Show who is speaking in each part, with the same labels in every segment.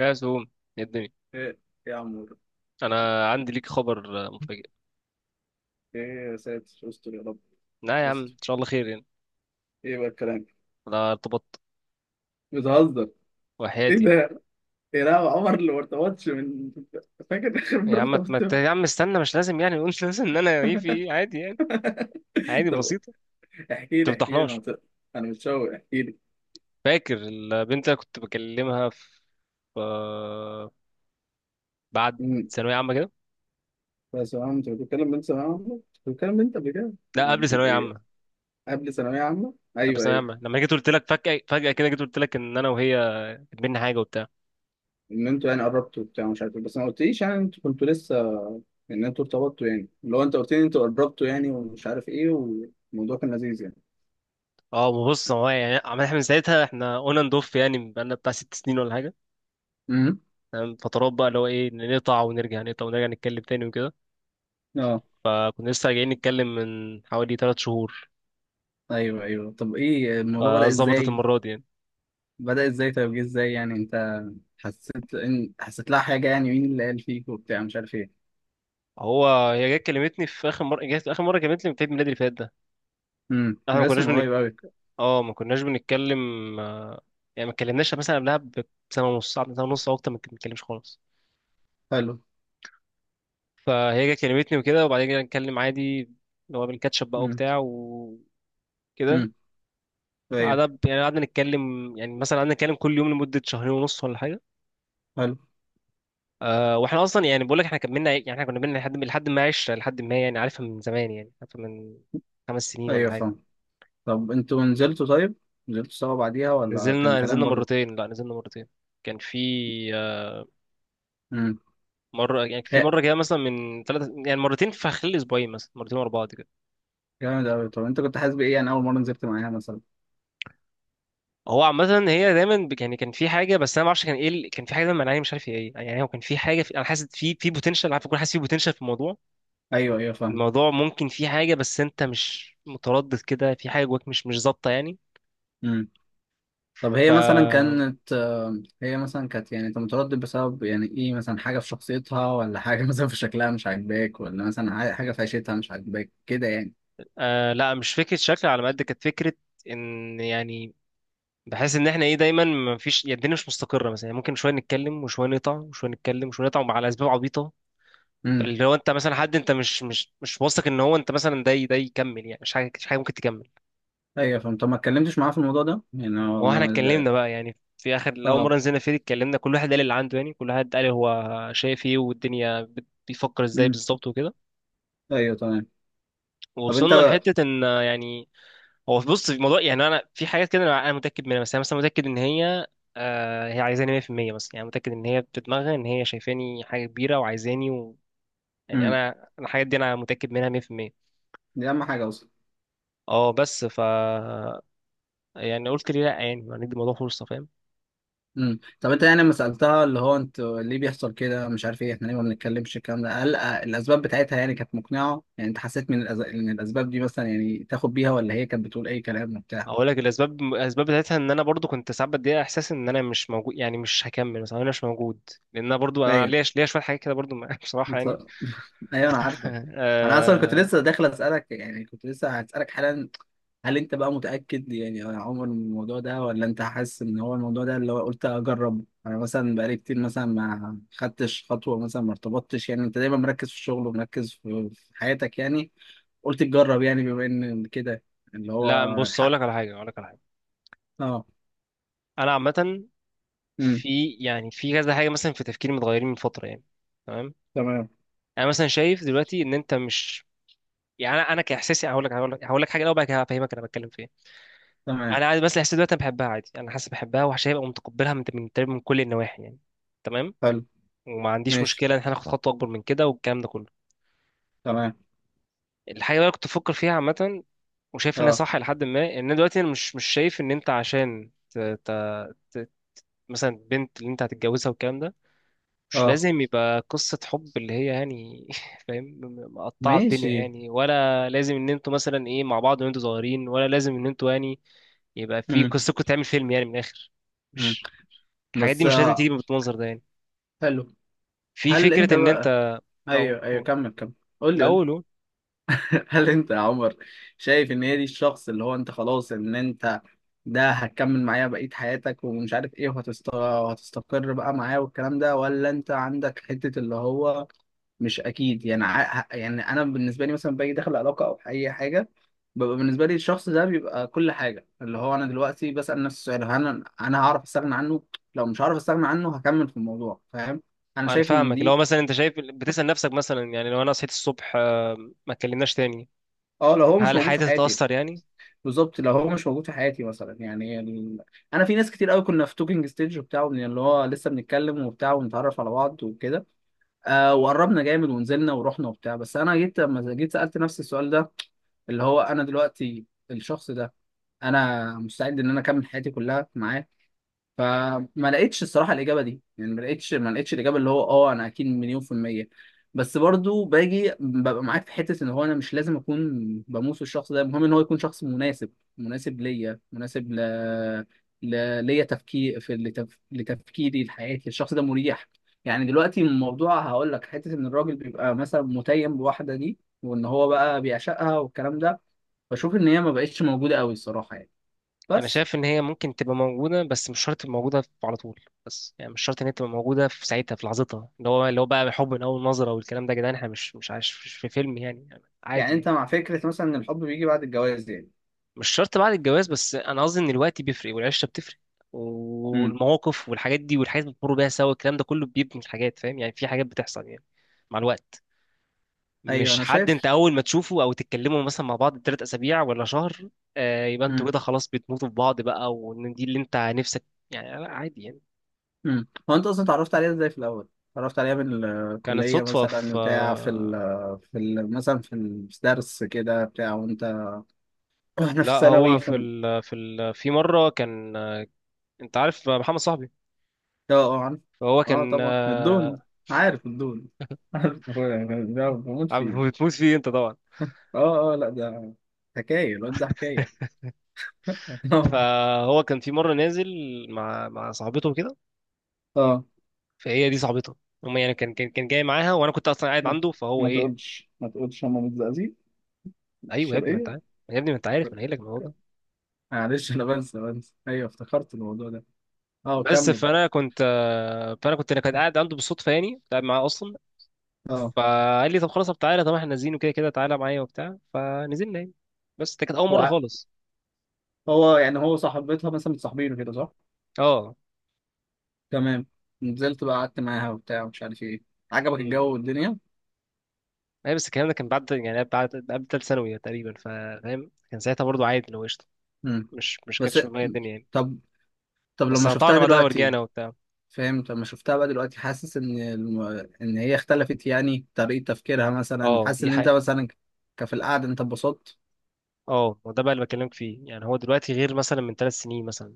Speaker 1: يا سوم، يا الدنيا.
Speaker 2: ايه يا عم ده؟
Speaker 1: انا عندي ليك خبر مفاجئ.
Speaker 2: ايه يا ساتر، استر يا رب،
Speaker 1: لا يا عم، ان شاء
Speaker 2: استر.
Speaker 1: الله خير يعني.
Speaker 2: ايه بقى الكلام؟
Speaker 1: انا ارتبطت
Speaker 2: بتهزر؟ ايه
Speaker 1: وحياتي.
Speaker 2: ده؟ ايه، لا عمر اللي ما ارتبطش من. فاكر اخر مره ارتبطت امتى؟
Speaker 1: يا عم استنى، مش لازم يعني نقول لازم ان انا ايه في ايه، عادي يعني. عادي
Speaker 2: طب،
Speaker 1: بسيطه.
Speaker 2: احكي
Speaker 1: ما
Speaker 2: لي احكي لي،
Speaker 1: تفضحناش.
Speaker 2: انا متشوق، احكي لي.
Speaker 1: فاكر البنت اللي كنت بكلمها في آه، بعد
Speaker 2: امم.
Speaker 1: ثانويه عامه كده؟
Speaker 2: بس يا عم انت بتتكلم من ثانويه عامه، كنت بتتكلم من انت قبل كده؟
Speaker 1: لا، قبل
Speaker 2: قبل
Speaker 1: ثانويه
Speaker 2: ايه؟
Speaker 1: عامه.
Speaker 2: قبل ثانويه عامه،
Speaker 1: قبل
Speaker 2: ايوه
Speaker 1: ثانويه
Speaker 2: ايوه.
Speaker 1: عامه، لما جيت قلت لك فجاه، كده جيت قلت لك ان انا وهي بينا حاجه وبتاع.
Speaker 2: ان انتوا يعني قربتوا وبتاع مش عارف إيه. بس ما قلتليش يعني انتوا كنتوا لسه، ان انتوا ارتبطتوا. يعني لو انت قلت لي انتوا قربتوا يعني ومش عارف ايه والموضوع كان لذيذ يعني.
Speaker 1: اه، ما بص، هو يعني احنا من ساعتها احنا اون اند اوف يعني، بقالنا بتاع 6 سنين ولا حاجه.
Speaker 2: امم.
Speaker 1: تمام، فترات بقى اللي هو ايه، نقطع ونرجع، نقطع ونرجع، نتكلم تاني وكده.
Speaker 2: اه.
Speaker 1: فكنا لسه راجعين نتكلم من حوالي 3 شهور.
Speaker 2: ايوه ايوه، طب ايه الموضوع بدأ
Speaker 1: فظبطت
Speaker 2: ازاي؟
Speaker 1: المرة دي يعني.
Speaker 2: بدأ ازاي طيب، جه ازاي يعني؟ انت حسيت لها حاجه يعني، مين اللي قال فيك وبتاع مش عارف ايه؟
Speaker 1: هو هي جت كلمتني في اخر مرة، جت اخر مرة كلمتني في عيد ميلادي اللي فات ده.
Speaker 2: امم،
Speaker 1: احنا
Speaker 2: ده
Speaker 1: ما
Speaker 2: لسه
Speaker 1: كناش
Speaker 2: من قريب قوي.
Speaker 1: اه، ما كناش بنتكلم. آه، يعني ما اتكلمناش مثلا قبلها بسنة ونص، ساعة، سنة ونص او اكتر، ما بنتكلمش خالص.
Speaker 2: حلو.
Speaker 1: فهي جت كلمتني وكده، وبعدين جينا نتكلم عادي اللي هو بالكاتشب بقى
Speaker 2: امم.
Speaker 1: وبتاع وكده.
Speaker 2: امم. ايوه.
Speaker 1: قعدنا يعني، قعدنا نتكلم يعني، مثلا قعدنا نتكلم كل يوم لمدة شهرين ونص ولا حاجة.
Speaker 2: حلو.
Speaker 1: أه، واحنا اصلا يعني بقول لك احنا كملنا، يعني احنا كنا بينا لحد ما 10، لحد ما يعني، عارفها من زمان يعني، عارفها من 5 سنين ولا
Speaker 2: ايوه
Speaker 1: حاجه.
Speaker 2: فاهم. طب انتوا نزلتوا؟ طيب، نزلتوا سوا بعديها ولا كان
Speaker 1: نزلنا
Speaker 2: كلام
Speaker 1: نزلنا
Speaker 2: برضو؟
Speaker 1: مرتين لا نزلنا مرتين. كان في آه،
Speaker 2: امم.
Speaker 1: مره يعني، في مره كده مثلا، من ثلاث يعني مرتين في خلال اسبوعين، مثلا مرتين ورا بعض كده.
Speaker 2: جامد قوي، طب انت كنت حاسس بايه يعني اول مره نزلت معاها مثلا؟
Speaker 1: هو عامه هي دايما يعني كان في حاجه، بس انا ما اعرفش كان ايه كان في حاجه دايما مانعني، مش عارف هي ايه يعني، هو كان في حاجه في... انا حاسس في بوتنشال، عارف، بكون حاسس في بوتنشال في الموضوع.
Speaker 2: ايوه ايوه فاهم.
Speaker 1: الموضوع ممكن في حاجه، بس انت مش متردد كده، في حاجه جواك مش ظابطه يعني.
Speaker 2: طب
Speaker 1: ف
Speaker 2: هي مثلا كانت هي مثلا كانت، يعني انت متردد بسبب يعني ايه؟ مثلا حاجة في شخصيتها، ولا حاجة مثلا في شكلها مش عاجباك، ولا مثلا حاجة في عيشتها مش عاجباك كده يعني.
Speaker 1: لا، مش فكرة شكل على قد كانت فكرة ان يعني، بحس ان احنا ايه دايما ما فيش يعني، الدنيا مش مستقرة مثلا يعني، ممكن شوية نتكلم وشوية نقطع وشوية نتكلم وشوية نقطع على اسباب عبيطة.
Speaker 2: امم.
Speaker 1: اللي هو انت مثلا حد، انت مش واثق ان هو انت مثلا ده ده يكمل يعني، مش حاجة، ممكن تكمل.
Speaker 2: ايوه فهمت. طب ما اتكلمتش معاها في الموضوع ده يعني
Speaker 1: ما
Speaker 2: هو
Speaker 1: هو احنا
Speaker 2: ما
Speaker 1: اتكلمنا بقى يعني، في اول
Speaker 2: اه.
Speaker 1: مرة نزلنا فيه اتكلمنا كل واحد قال اللي عنده يعني، كل واحد قال هو شايف ايه، والدنيا بيفكر ازاي
Speaker 2: امم.
Speaker 1: بالظبط وكده.
Speaker 2: ايوه تمام. طب انت.
Speaker 1: ووصلنا لحتة ان يعني، هو بص في الموضوع يعني، انا في حاجات كده انا متاكد منها، بس انا مثلا متاكد ان هي عايزاني 100% مثلا يعني، متاكد ان هي بتدماغها ان هي شايفاني حاجه كبيره وعايزاني و... يعني
Speaker 2: امم،
Speaker 1: انا، الحاجات دي انا متاكد منها 100%.
Speaker 2: دي اهم حاجة اصلا.
Speaker 1: اه، بس يعني قلت ليه لا يعني، ما ندي الموضوع فرصه، فاهم.
Speaker 2: امم، طب انت يعني لما سألتها اللي هو انت ليه بيحصل كده مش عارف ايه، احنا ليه ما بنتكلمش الكلام ده؟ هل الاسباب بتاعتها يعني كانت مقنعة؟ يعني انت حسيت من ان الاسباب دي مثلا يعني تاخد بيها، ولا هي كانت بتقول اي كلام وبتاع؟
Speaker 1: اقول لك، الاسباب بتاعتها ان انا برضو كنت ساعات بدي احساس ان انا مش موجود، يعني مش هكمل، مثلا انا مش موجود، لان انا برضو انا
Speaker 2: ايوه.
Speaker 1: ليا شويه حاجات كده برضو بصراحه يعني.
Speaker 2: بص- ايوه انا عارفك. انا اصلا كنت
Speaker 1: آه،
Speaker 2: لسه داخل اسالك، يعني كنت لسه هسالك حالا. هل انت بقى متاكد يعني يا عمر من الموضوع ده، ولا انت حاسس ان هو الموضوع ده اللي هو قلت اجرب؟ انا مثلا بقالي كتير مثلا ما خدتش خطوه، مثلا ما ارتبطتش، يعني انت دايما مركز في الشغل ومركز في حياتك يعني. قلت تجرب يعني بما ان كده، اللي
Speaker 1: لا
Speaker 2: هو
Speaker 1: بص اقول
Speaker 2: حق.
Speaker 1: لك على حاجه، اقول لك على حاجه.
Speaker 2: اه.
Speaker 1: انا عامه
Speaker 2: امم.
Speaker 1: في يعني، في كذا حاجه مثلا، في تفكيري متغيرين من فتره يعني. تمام،
Speaker 2: تمام.
Speaker 1: انا مثلا شايف دلوقتي ان انت مش، يعني انا، كاحساسي هقول لك، حاجه الاول، بعد كده هفهمك انا بتكلم في ايه.
Speaker 2: تمام.
Speaker 1: انا عادي، بس الاحساس دلوقتي انا بحبها عادي، انا حاسس بحبها وهبقى متقبلها من تقريباً من كل النواحي يعني. تمام،
Speaker 2: حلو.
Speaker 1: وما عنديش
Speaker 2: ماشي.
Speaker 1: مشكله ان احنا ناخد خطوه اكبر من كده والكلام ده كله.
Speaker 2: تمام.
Speaker 1: الحاجه اللي انا كنت بفكر فيها عامه وشايف انها
Speaker 2: اه.
Speaker 1: صح، لحد ما ان أنا دلوقتي انا مش شايف ان انت عشان ت... مثلا بنت اللي انت هتتجوزها والكلام ده مش
Speaker 2: اه.
Speaker 1: لازم يبقى قصة حب اللي هي يعني فاهم، مقطعة الدنيا
Speaker 2: ماشي.
Speaker 1: يعني. ولا لازم ان انتوا مثلا ايه مع بعض وانتوا صغيرين، ولا لازم ان انتوا يعني يبقى في
Speaker 2: امم.
Speaker 1: قصتكم تعمل فيلم يعني، من الاخر.
Speaker 2: امم.
Speaker 1: مش الحاجات
Speaker 2: بس
Speaker 1: دي مش لازم تيجي بالمنظر ده يعني.
Speaker 2: حلو.
Speaker 1: في
Speaker 2: هل انت
Speaker 1: فكرة ان انت،
Speaker 2: بقى.
Speaker 1: او
Speaker 2: ايوه ايوه،
Speaker 1: أو-
Speaker 2: كمل كمل، قول لي قول لي.
Speaker 1: الاول أهو،
Speaker 2: هل انت يا عمر شايف ان هي دي الشخص اللي هو انت خلاص، ان انت ده هتكمل معاه بقية حياتك ومش عارف ايه، وهتستقر بقى معاه والكلام ده، ولا انت عندك حتة اللي هو مش اكيد يعني؟ يعني انا بالنسبة لي مثلا باجي داخل علاقة او اي حاجة، ببقى بالنسبة لي الشخص ده بيبقى كل حاجة. اللي هو انا دلوقتي بسأل نفسي السؤال: هل انا هعرف استغنى عنه؟ لو مش هعرف استغنى عنه هكمل في الموضوع، فاهم؟ انا
Speaker 1: انا
Speaker 2: شايف ان
Speaker 1: فاهمك. لو
Speaker 2: دي.
Speaker 1: مثلا انت شايف، بتسأل نفسك مثلا، يعني لو انا صحيت الصبح ما اتكلمناش تاني،
Speaker 2: اه، لو هو مش
Speaker 1: هل
Speaker 2: موجود في
Speaker 1: حياتي
Speaker 2: حياتي.
Speaker 1: تتأثر يعني.
Speaker 2: بالظبط، لو هو مش موجود في حياتي مثلا يعني انا في ناس كتير قوي كنا في توكينج ستيج وبتاع اللي هو لسه بنتكلم وبتاع ونتعرف على بعض وكده. وقربنا جامد ونزلنا ورحنا وبتاع. بس انا جيت، لما جيت سألت نفسي السؤال ده، اللي هو انا دلوقتي الشخص ده، انا مستعد ان انا اكمل حياتي كلها معاه؟ فما لقيتش الصراحه الاجابه دي، يعني ما لقيتش الاجابه اللي هو اه انا اكيد 1,000,000%. بس برضو باجي ببقى معاك في حته، ان هو انا مش لازم اكون بموس الشخص ده. المهم ان هو يكون شخص مناسب ليا، ليا تفكير في لتفكيري لحياتي، الشخص ده مريح. يعني دلوقتي الموضوع هقول لك حته ان الراجل بيبقى مثلا متيم بواحده دي، وان هو بقى بيعشقها والكلام ده، بشوف ان هي ما بقتش موجوده قوي الصراحه يعني.
Speaker 1: انا
Speaker 2: بس.
Speaker 1: شايف ان هي ممكن تبقى موجوده، بس مش شرط تبقى موجوده على طول، بس يعني مش شرط ان هي تبقى موجوده في ساعتها، في لحظتها، اللي هو بقى حب من اول نظره والكلام ده. يا جدعان احنا مش عايش، مش في فيلم يعني،
Speaker 2: يعني
Speaker 1: عادي يعني.
Speaker 2: انت مع فكره مثلا ان الحب بيجي بعد الجواز يعني؟
Speaker 1: مش شرط بعد الجواز، بس انا قصدي ان الوقت بيفرق، والعشره بتفرق،
Speaker 2: امم.
Speaker 1: والمواقف والحاجات دي والحاجات اللي بتمر بيها سوا، الكلام ده كله بيبني الحاجات، فاهم يعني، في حاجات بتحصل يعني مع الوقت.
Speaker 2: ايوه
Speaker 1: مش
Speaker 2: انا
Speaker 1: حد انت
Speaker 2: شايف.
Speaker 1: اول ما تشوفه او تتكلموا مثلا مع بعض 3 اسابيع ولا شهر يبقى انتوا
Speaker 2: امم.
Speaker 1: كده خلاص بتموتوا في بعض بقى، وان دي اللي انت نفسك يعني. لا، عادي يعني.
Speaker 2: امم، هو انت اصلا اتعرفت عليها ازاي في الاول؟ اتعرفت عليها من
Speaker 1: كانت
Speaker 2: الكليه
Speaker 1: صدفة
Speaker 2: مثلا،
Speaker 1: في
Speaker 2: بتاع في ال في ال مثلا في الدرس كده، بتاع وانت واحنا في
Speaker 1: لا
Speaker 2: الثانوي
Speaker 1: هو
Speaker 2: ف
Speaker 1: في
Speaker 2: اه
Speaker 1: ال... في ال... في مرة كان، انت عارف محمد صاحبي.
Speaker 2: اه، عارف.
Speaker 1: فهو
Speaker 2: اه
Speaker 1: كان
Speaker 2: طبعا الدون. عارف الدون. عارف اخويا ده بموت فيه.
Speaker 1: بتموت فيه انت طبعا.
Speaker 2: اه اه، لا، ده حكايه، الواد ده حكايه. اه.
Speaker 1: فهو كان في مرة نازل مع صاحبته كده،
Speaker 2: اه،
Speaker 1: فهي دي صاحبته. هما يعني كان، جاي معاها وانا كنت اصلا قاعد
Speaker 2: ما
Speaker 1: عنده، فهو
Speaker 2: ما
Speaker 1: ايه.
Speaker 2: تقولش، ما تقولش هم متزقزقين في
Speaker 1: ايوه يا ابني ما انت
Speaker 2: الشرقيه.
Speaker 1: عارف، يا ابني ما انت عارف، ما انا قايل لك الموضوع ده.
Speaker 2: معلش انا بنسى بنسى، ايوه افتكرت الموضوع ده. اه
Speaker 1: بس
Speaker 2: كمل.
Speaker 1: فانا كنت آه، فانا كنت انا كنت قاعد عنده بالصدفة يعني، كنت قاعد معاه اصلا.
Speaker 2: اه،
Speaker 1: فقال لي طب خلاص، طب تعالى، طب احنا نازلين وكده كده، تعالى معايا وبتاع، فنزلنا يعني. بس ده كانت اول مرة
Speaker 2: هو
Speaker 1: خالص.
Speaker 2: هو صاحبتها مثلا متصاحبينه كده، صح؟
Speaker 1: اه.
Speaker 2: تمام. نزلت بقى قعدت معاها وبتاع ومش عارف ايه. عجبك
Speaker 1: مم.
Speaker 2: الجو والدنيا؟
Speaker 1: اي، بس الكلام ده كان بعد يعني، قبل تالت ثانوي تقريبا، فاهم. كان ساعتها برضو عادي لو قشطه،
Speaker 2: امم.
Speaker 1: مش
Speaker 2: بس
Speaker 1: كانتش في دماغي الدنيا يعني.
Speaker 2: طب طب
Speaker 1: بس
Speaker 2: لما شفتها
Speaker 1: قطعنا بعدها
Speaker 2: دلوقتي،
Speaker 1: ورجعنا وبتاع.
Speaker 2: فاهم؟ لما شفتها بقى دلوقتي حاسس ان ان هي اختلفت يعني طريقة تفكيرها مثلا،
Speaker 1: اه،
Speaker 2: حاسس
Speaker 1: دي
Speaker 2: ان انت
Speaker 1: حقيقة.
Speaker 2: مثلا في القعدة انت اتبسطت؟
Speaker 1: اه، وده بقى اللي بكلمك فيه يعني، هو دلوقتي غير مثلا من 3 سنين مثلا،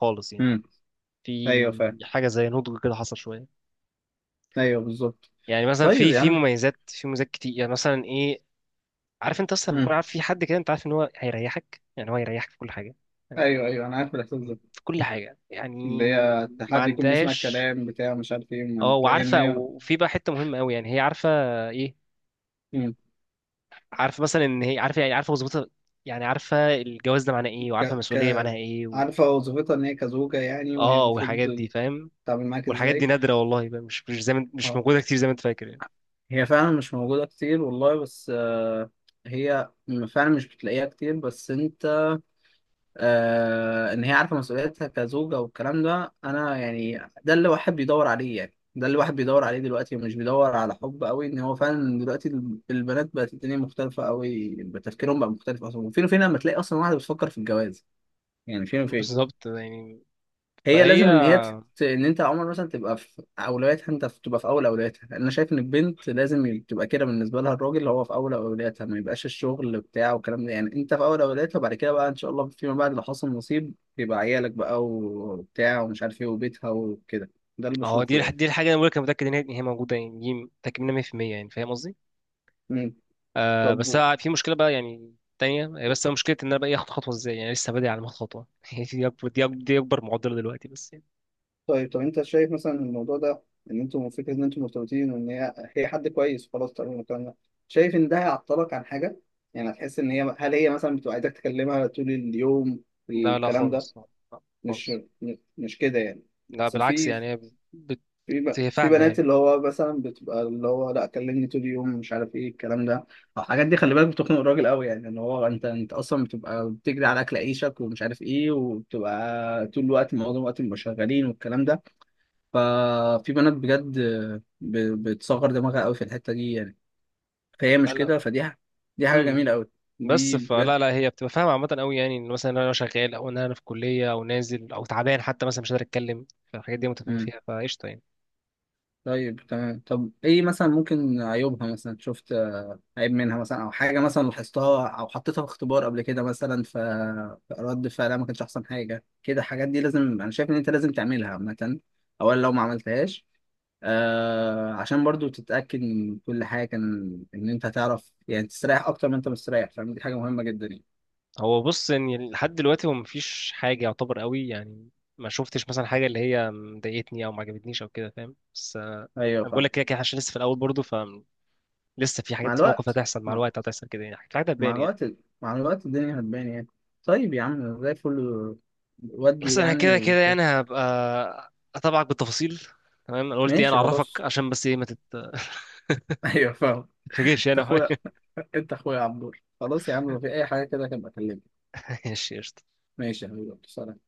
Speaker 1: خالص يعني.
Speaker 2: امم ايوه فاهم.
Speaker 1: في حاجة زي نضج كده حصل شوية.
Speaker 2: ايوه بالظبط.
Speaker 1: يعني مثلا، في
Speaker 2: طيب يا
Speaker 1: في
Speaker 2: عم.
Speaker 1: مميزات في مميزات كتير يعني، مثلا ايه؟ عارف انت اصلا لما تكون
Speaker 2: امم،
Speaker 1: عارف في حد كده، انت عارف ان هو هيريحك، يعني هو هيريحك في كل حاجة. فاهم؟
Speaker 2: ايوه ايوه انا عارف الاحساس ده.
Speaker 1: في كل حاجة يعني.
Speaker 2: اللي هي
Speaker 1: ما
Speaker 2: حد يكون بيسمع
Speaker 1: عندهاش.
Speaker 2: الكلام بتاع مش عارف ايه،
Speaker 1: اه،
Speaker 2: ما تلاقيها ان
Speaker 1: وعارفه.
Speaker 2: هي.
Speaker 1: وفي بقى حته مهمه قوي يعني، هي عارفه ايه،
Speaker 2: مم.
Speaker 1: عارفه مثلا ان هي عارفه يعني، عارفه وظيفتها. يعني عارفه الجواز ده معناه ايه،
Speaker 2: ك...
Speaker 1: وعارفه
Speaker 2: ك...
Speaker 1: المسؤوليه معناها ايه و...
Speaker 2: عارفة وظيفتها ان هي كزوجة يعني، وهي
Speaker 1: اه،
Speaker 2: المفروض
Speaker 1: والحاجات دي فاهم.
Speaker 2: تتعامل معاك
Speaker 1: والحاجات دي
Speaker 2: ازاي.
Speaker 1: نادره والله بقى، مش زي ما، مش
Speaker 2: اه،
Speaker 1: موجوده كتير زي ما انت فاكر يعني.
Speaker 2: هي فعلا مش موجودة كتير والله، بس هي فعلا مش بتلاقيها كتير. بس انت ان هي عارفه مسؤوليتها كزوجه والكلام ده، انا يعني ده اللي الواحد بيدور عليه يعني، ده اللي الواحد بيدور عليه دلوقتي، ومش بيدور على حب قوي. ان هو فعلا دلوقتي البنات بقت، الدنيا مختلفه قوي، تفكيرهم بقى مختلف اصلا. وفين وفين لما تلاقي اصلا واحده بتفكر في الجواز، يعني فين وفين.
Speaker 1: بالظبط يعني.
Speaker 2: هي
Speaker 1: فهي،
Speaker 2: لازم ان هي ان انت يا عمر مثلا تبقى في اولوياتها، انت تبقى في اول اولوياتها. انا شايف ان البنت لازم تبقى كده بالنسبه لها، الراجل اللي هو في اول اولوياتها، ما يبقاش الشغل بتاعه والكلام ده يعني. انت في اول اولوياتها، وبعد كده بقى ان شاء الله فيما بعد لو حصل نصيب يبقى عيالك بقى وبتاع ومش عارف ايه وبيتها وكده. ده اللي
Speaker 1: اه دي
Speaker 2: بشوفه يعني.
Speaker 1: الحاجه انا بقولك، انا متاكد ان هي، إن هي موجوده يعني، دي متاكد منها 100%. يعني فاهم قصدي.
Speaker 2: مم.
Speaker 1: آه، بس
Speaker 2: طب
Speaker 1: أنا في مشكله بقى يعني، تانية هي، بس مشكلة إن أنا بقى إيه، آخد خطوة إزاي يعني، لسه بادئ على ما آخد خطوة. هي دي أكبر، معضلة دلوقتي بس يعني.
Speaker 2: طيب. طب انت شايف مثلا الموضوع ده، ان انتوا فكره ان انتوا مرتبطين، وان هي حد كويس وخلاص تقريبا الكلام ده، شايف ان ده هيعطلك عن حاجه؟ يعني هتحس ان هي هل هي مثلا بتبقى عايزاك تكلمها طول اليوم
Speaker 1: لا، لا
Speaker 2: الكلام ده؟
Speaker 1: خالص، لا. لا
Speaker 2: مش.
Speaker 1: خالص.
Speaker 2: مش كده يعني.
Speaker 1: لا.
Speaker 2: اصل
Speaker 1: بالعكس
Speaker 2: في،
Speaker 1: يعني، هي بت... هي
Speaker 2: في
Speaker 1: فاهمة
Speaker 2: بنات
Speaker 1: يعني.
Speaker 2: اللي هو مثلا بتبقى اللي هو لا كلمني طول اليوم مش عارف ايه الكلام ده. الحاجات دي خلي بالك بتخنق الراجل قوي، يعني ان هو انت اصلا بتبقى بتجري على اكل عيشك ومش عارف ايه، وبتبقى طول الوقت، معظم الوقت بيبقوا شغالين والكلام ده. ففي بنات بجد بتصغر دماغها قوي في الحتة دي يعني. فهي مش
Speaker 1: لا.
Speaker 2: كده، دي حاجة
Speaker 1: امم.
Speaker 2: جميلة قوي،
Speaker 1: بس
Speaker 2: دي بجد.
Speaker 1: فلا لا هي بتبقى فاهمة عامة قوي يعني، ان مثلا انا شغال، او ان انا في كلية، او نازل، او تعبان حتى مثلا مش قادر اتكلم. فالحاجات دي متفاهم
Speaker 2: مم.
Speaker 1: فيها، فقشطة يعني.
Speaker 2: طيب تمام. طب ايه مثلا ممكن عيوبها، مثلا شفت عيب منها مثلا، او حاجة مثلا لاحظتها، او حطيتها في اختبار قبل كده مثلا، فرد فعلها ما كانش احسن حاجة كده؟ الحاجات دي لازم، انا شايف ان انت لازم تعملها عامة، اولا لو ما عملتهاش. عشان برضو تتأكد من كل حاجة كان إن أنت هتعرف، يعني تستريح أكتر ما أنت مستريح، فاهم؟ دي حاجة مهمة جدا يعني.
Speaker 1: هو بص ان لحد دلوقتي هو مفيش حاجة يعتبر قوي يعني، ما شفتش مثلا حاجة اللي هي مضايقتني او ما عجبتنيش او كده، فاهم؟ بس
Speaker 2: أيوه
Speaker 1: انا بقول
Speaker 2: فاهم.
Speaker 1: لك كده كده عشان لسه في الاول برضه، فلسه في
Speaker 2: مع
Speaker 1: حاجات، في موقف
Speaker 2: الوقت،
Speaker 1: هتحصل مع الوقت، هتحصل كده يعني، في حاجات
Speaker 2: مع
Speaker 1: هتبان يعني.
Speaker 2: الوقت مع الوقت الدنيا هتبان يعني. طيب يا عم زي الفل. ودي
Speaker 1: بس انا
Speaker 2: يعني
Speaker 1: كده كده
Speaker 2: وكده.
Speaker 1: يعني، هبقى اتابعك بالتفاصيل. تمام، انا قلت يعني
Speaker 2: ماشي
Speaker 1: اعرفك،
Speaker 2: خلاص.
Speaker 1: عشان بس ايه، ما تت- ما
Speaker 2: أيوه فاهم.
Speaker 1: تتفاجئش
Speaker 2: أنت
Speaker 1: يعني، أو
Speaker 2: أخويا،
Speaker 1: حاجة.
Speaker 2: أنت أخويا يا عبدور، خلاص يا عم لو في أي حاجة كده كان بكلمك.
Speaker 1: ماشي قشطة.
Speaker 2: ماشي يا حبيبي، سلام.